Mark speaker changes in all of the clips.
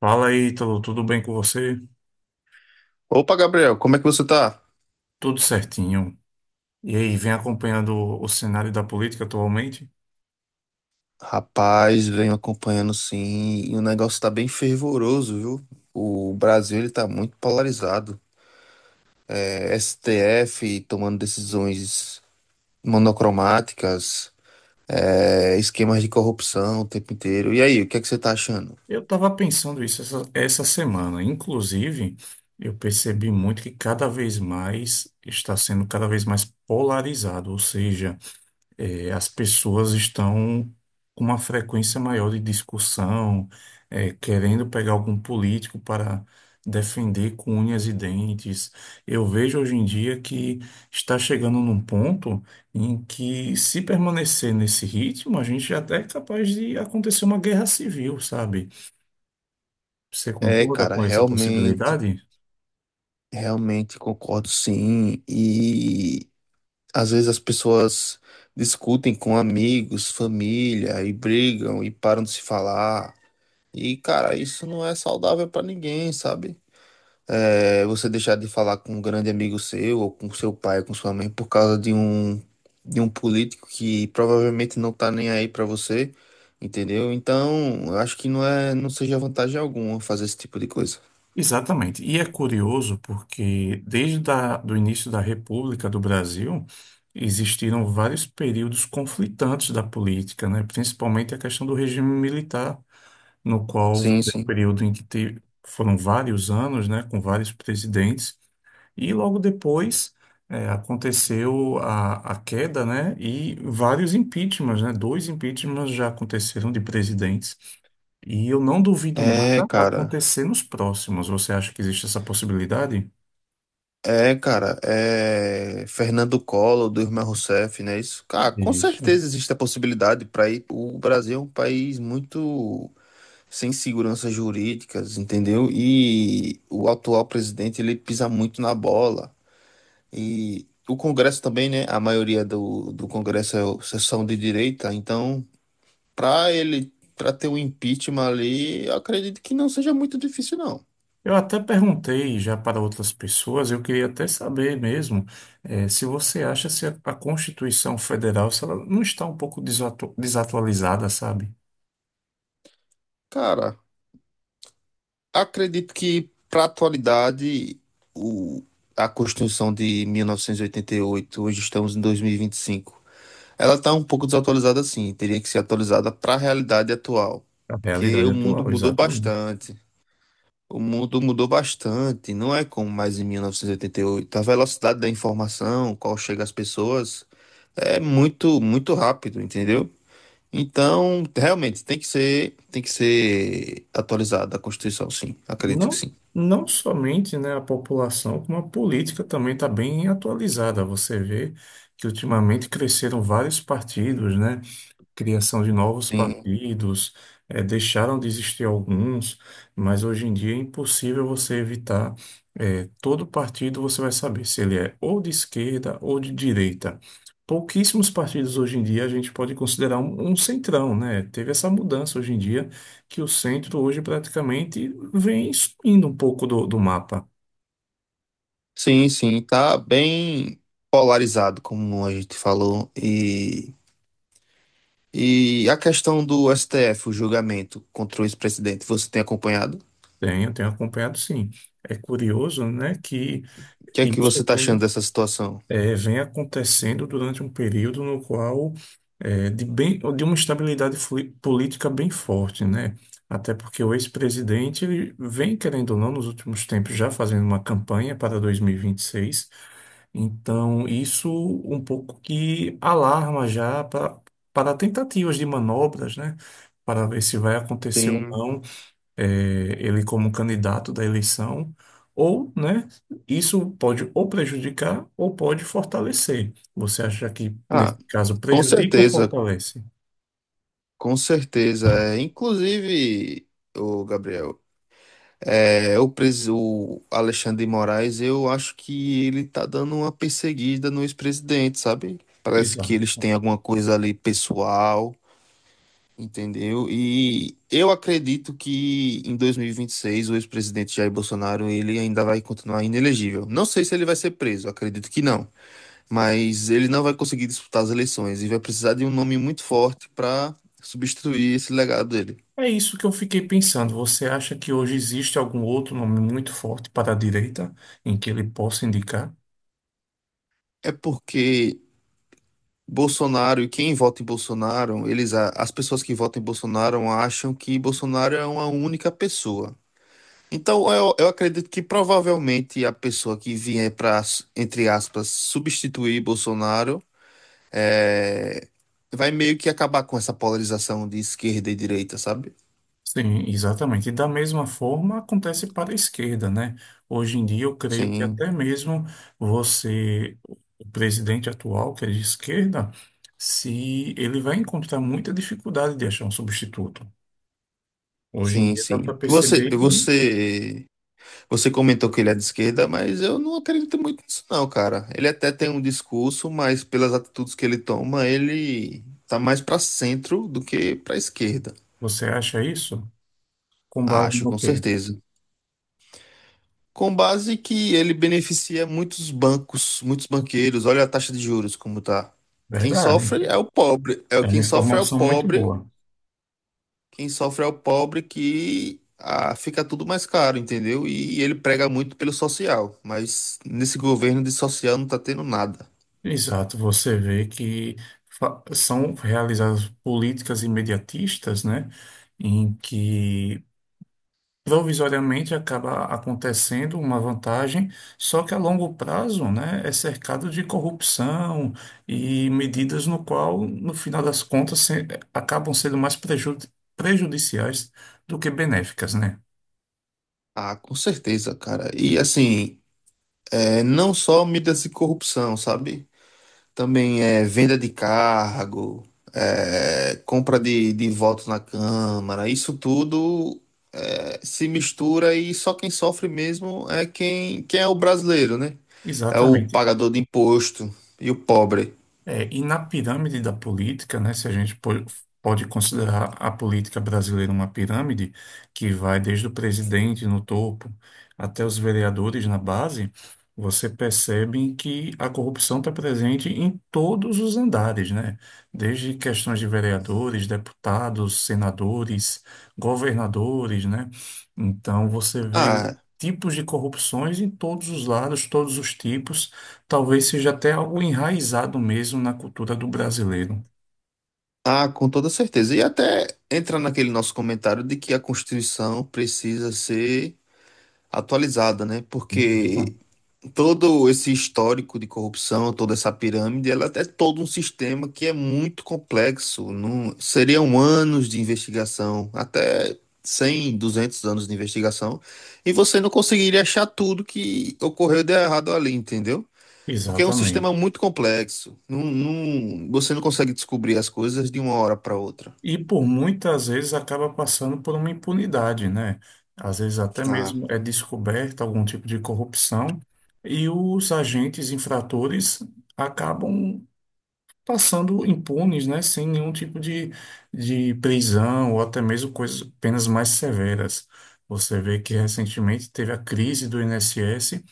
Speaker 1: Fala aí, tudo bem com você?
Speaker 2: Opa, Gabriel, como é que você tá?
Speaker 1: Tudo certinho. E aí, vem acompanhando o cenário da política atualmente?
Speaker 2: Rapaz, venho acompanhando sim, e o negócio tá bem fervoroso, viu? O Brasil ele tá muito polarizado. STF tomando decisões monocromáticas, esquemas de corrupção o tempo inteiro. E aí, o que é que você tá achando?
Speaker 1: Eu estava pensando isso essa semana. Inclusive, eu percebi muito que cada vez mais está sendo cada vez mais polarizado, ou seja, as pessoas estão com uma frequência maior de discussão, querendo pegar algum político para defender com unhas e dentes. Eu vejo hoje em dia que está chegando num ponto em que, se permanecer nesse ritmo, a gente até é capaz de acontecer uma guerra civil, sabe? Você
Speaker 2: É,
Speaker 1: concorda
Speaker 2: cara,
Speaker 1: com essa
Speaker 2: realmente,
Speaker 1: possibilidade?
Speaker 2: realmente concordo sim. E às vezes as pessoas discutem com amigos, família, e brigam e param de se falar. E, cara, isso não é saudável pra ninguém, sabe? É, você deixar de falar com um grande amigo seu, ou com seu pai, com sua mãe, por causa de um político que provavelmente não tá nem aí pra você, entendeu? Então, eu acho que não é, não seja vantagem alguma fazer esse tipo de coisa.
Speaker 1: Exatamente. E é curioso porque desde a, do início da República do Brasil existiram vários períodos conflitantes da política, né? Principalmente a questão do regime militar, no qual
Speaker 2: Sim,
Speaker 1: foi o
Speaker 2: sim.
Speaker 1: período em que foram vários anos, né, com vários presidentes. E logo depois aconteceu a queda, né? E vários impeachments, né? Dois impeachments já aconteceram de presidentes. E eu não duvido
Speaker 2: É,
Speaker 1: nada
Speaker 2: cara.
Speaker 1: acontecer nos próximos. Você acha que existe essa possibilidade?
Speaker 2: É, cara, é Fernando Collor, do irmão Rousseff, né? Isso, cara, com
Speaker 1: Isso.
Speaker 2: certeza existe a possibilidade para ir. O Brasil é um país muito sem seguranças jurídicas, entendeu? E o atual presidente, ele pisa muito na bola. E o Congresso também, né? A maioria do Congresso é são de direita, então, para ele, para ter um impeachment ali, eu acredito que não seja muito difícil, não.
Speaker 1: Eu até perguntei já para outras pessoas, eu queria até saber mesmo, se você acha se a, a Constituição Federal, se ela não está um pouco desatualizada, sabe?
Speaker 2: Cara, acredito que para atualidade, o, a Constituição de 1988, hoje estamos em 2025. Ela está um pouco desatualizada, sim. Teria que ser atualizada para a realidade atual,
Speaker 1: A
Speaker 2: porque
Speaker 1: realidade
Speaker 2: o mundo
Speaker 1: atual,
Speaker 2: mudou
Speaker 1: exatamente.
Speaker 2: bastante. O mundo mudou bastante, não é como mais em 1988. A velocidade da informação, qual chega às pessoas, é muito, muito rápido, entendeu? Então, realmente tem que ser atualizada a Constituição, sim. Acredito que
Speaker 1: Não,
Speaker 2: sim.
Speaker 1: não somente, né, a população, como a política também está bem atualizada. Você vê que ultimamente cresceram vários partidos, né? Criação de novos
Speaker 2: Sim,
Speaker 1: partidos, deixaram de existir alguns, mas hoje em dia é impossível você evitar. Eh, todo partido você vai saber se ele é ou de esquerda ou de direita. Pouquíssimos partidos hoje em dia a gente pode considerar um, um centrão, né? Teve essa mudança hoje em dia que o centro hoje praticamente vem sumindo um pouco do, do mapa.
Speaker 2: sim, sim, tá bem polarizado, como a gente falou, e a questão do STF, o julgamento contra o ex-presidente, você tem acompanhado?
Speaker 1: Tenho, tenho acompanhado, sim. É curioso, né, que
Speaker 2: O que é que você
Speaker 1: isso
Speaker 2: está achando
Speaker 1: vem
Speaker 2: dessa situação?
Speaker 1: vem acontecendo durante um período no qual de bem, de uma estabilidade política bem forte, né? Até porque o ex-presidente ele vem, querendo ou não, nos últimos tempos já fazendo uma campanha para 2026. Então, isso um pouco que alarma já para, para tentativas de manobras, né? Para ver se vai acontecer ou
Speaker 2: Sim.
Speaker 1: não ele como candidato da eleição, ou, né, isso pode ou prejudicar ou pode fortalecer. Você acha que, nesse
Speaker 2: Ah,
Speaker 1: caso,
Speaker 2: com
Speaker 1: prejudica ou
Speaker 2: certeza,
Speaker 1: fortalece?
Speaker 2: com certeza. É, inclusive, o Gabriel, o Alexandre de Moraes, eu acho que ele tá dando uma perseguida no ex-presidente, sabe? Parece que
Speaker 1: Exato.
Speaker 2: eles têm alguma coisa ali pessoal. Entendeu? E eu acredito que em 2026 o ex-presidente Jair Bolsonaro ele ainda vai continuar inelegível. Não sei se ele vai ser preso, acredito que não, mas ele não vai conseguir disputar as eleições e vai precisar de um nome muito forte para substituir esse legado dele.
Speaker 1: É isso que eu fiquei pensando. Você acha que hoje existe algum outro nome muito forte para a direita em que ele possa indicar?
Speaker 2: É porque Bolsonaro e quem vota em Bolsonaro, as pessoas que votam em Bolsonaro acham que Bolsonaro é uma única pessoa. Então, eu acredito que provavelmente a pessoa que vier para, entre aspas, substituir Bolsonaro é, vai meio que acabar com essa polarização de esquerda e direita, sabe?
Speaker 1: Sim, exatamente. E da mesma forma acontece para a esquerda, né? Hoje em dia eu creio que
Speaker 2: Sim,
Speaker 1: até mesmo você, o presidente atual, que é de esquerda, se ele vai encontrar muita dificuldade de achar um substituto. Hoje em
Speaker 2: sim,
Speaker 1: dia dá para
Speaker 2: sim. Você,
Speaker 1: perceber que
Speaker 2: você, você comentou que ele é de esquerda, mas eu não acredito muito nisso, não, cara. Ele até tem um discurso, mas pelas atitudes que ele toma, ele tá mais para centro do que para esquerda.
Speaker 1: você acha isso com base
Speaker 2: Acho,
Speaker 1: no
Speaker 2: com
Speaker 1: quê?
Speaker 2: certeza. Com base que ele beneficia muitos bancos, muitos banqueiros. Olha a taxa de juros como tá. Quem
Speaker 1: Verdade.
Speaker 2: sofre é o pobre. É o
Speaker 1: É uma
Speaker 2: quem sofre é o
Speaker 1: informação muito
Speaker 2: pobre.
Speaker 1: boa.
Speaker 2: Quem sofre é o pobre que fica tudo mais caro, entendeu? E ele prega muito pelo social, mas nesse governo de social não tá tendo nada.
Speaker 1: Exato, você vê que são realizadas políticas imediatistas, né? Em que provisoriamente acaba acontecendo uma vantagem, só que a longo prazo, né, é cercado de corrupção e medidas no qual, no final das contas, acabam sendo mais prejudiciais do que benéficas, né?
Speaker 2: Ah, com certeza, cara. E assim, é, não só medidas de corrupção, sabe? Também é venda de cargo, é, compra de votos na Câmara, isso tudo é, se mistura e só quem sofre mesmo é quem é o brasileiro, né? É o
Speaker 1: Exatamente.
Speaker 2: pagador de imposto e o pobre.
Speaker 1: É, e na pirâmide da política, né, se a gente pode considerar a política brasileira uma pirâmide, que vai desde o presidente no topo até os vereadores na base, você percebe que a corrupção está presente em todos os andares, né? Desde questões de vereadores, deputados, senadores, governadores, né? Então você vê
Speaker 2: Ah,
Speaker 1: tipos de corrupções em todos os lados, todos os tipos. Talvez seja até algo enraizado mesmo na cultura do brasileiro.
Speaker 2: ah, com toda certeza. E até entra naquele nosso comentário de que a Constituição precisa ser atualizada, né?
Speaker 1: Isso.
Speaker 2: Porque todo esse histórico de corrupção, toda essa pirâmide, ela é todo um sistema que é muito complexo. Não, seriam anos de investigação, até 100, 200 anos de investigação, e você não conseguiria achar tudo que ocorreu de errado ali, entendeu? Porque é um sistema
Speaker 1: Exatamente.
Speaker 2: muito complexo. Você não consegue descobrir as coisas de uma hora para outra.
Speaker 1: E por muitas vezes acaba passando por uma impunidade, né? Às vezes até
Speaker 2: Ah,
Speaker 1: mesmo é descoberta algum tipo de corrupção e os agentes infratores acabam passando impunes, né? Sem nenhum tipo de prisão ou até mesmo coisas, penas mais severas. Você vê que recentemente teve a crise do INSS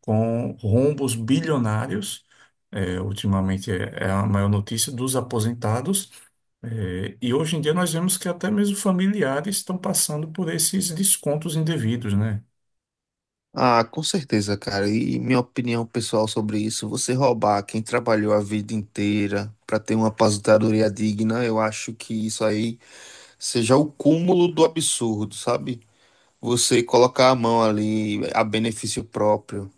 Speaker 1: com rombos bilionários. É, ultimamente é, é a maior notícia dos aposentados. É, e hoje em dia nós vemos que até mesmo familiares estão passando por esses descontos indevidos, né?
Speaker 2: Ah, com certeza, cara. E minha opinião pessoal sobre isso, você roubar quem trabalhou a vida inteira para ter uma aposentadoria digna, eu acho que isso aí seja o cúmulo do absurdo, sabe? Você colocar a mão ali a benefício próprio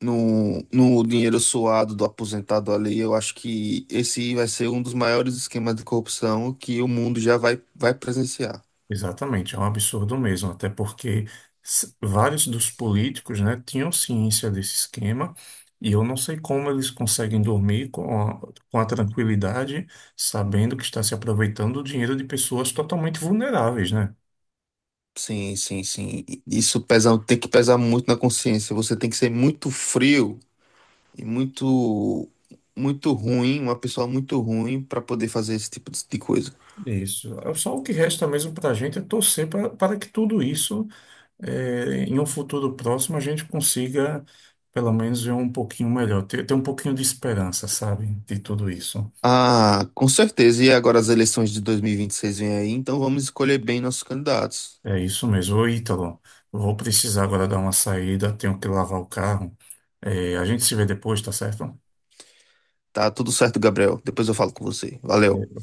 Speaker 2: no dinheiro suado do aposentado ali, eu acho que esse vai ser um dos maiores esquemas de corrupção que o mundo vai presenciar.
Speaker 1: Exatamente, é um absurdo mesmo, até porque vários dos políticos, né, tinham ciência desse esquema e eu não sei como eles conseguem dormir com a tranquilidade, sabendo que está se aproveitando do dinheiro de pessoas totalmente vulneráveis, né?
Speaker 2: Sim, sim, sim. Isso pesa, tem que pesar muito na consciência. Você tem que ser muito frio e muito ruim, uma pessoa muito ruim para poder fazer esse tipo de coisa.
Speaker 1: Isso. É só o que resta mesmo para a gente é torcer para que tudo isso, em um futuro próximo, a gente consiga, pelo menos, ver um pouquinho melhor, ter, ter um pouquinho de esperança, sabe, de tudo isso.
Speaker 2: Ah, com certeza. E agora as eleições de 2026 vêm aí, então vamos escolher bem nossos candidatos.
Speaker 1: É isso mesmo. Ô, Ítalo, eu vou precisar agora dar uma saída, tenho que lavar o carro. A gente se vê depois, tá certo?
Speaker 2: Tá tudo certo, Gabriel. Depois eu falo com você. Valeu.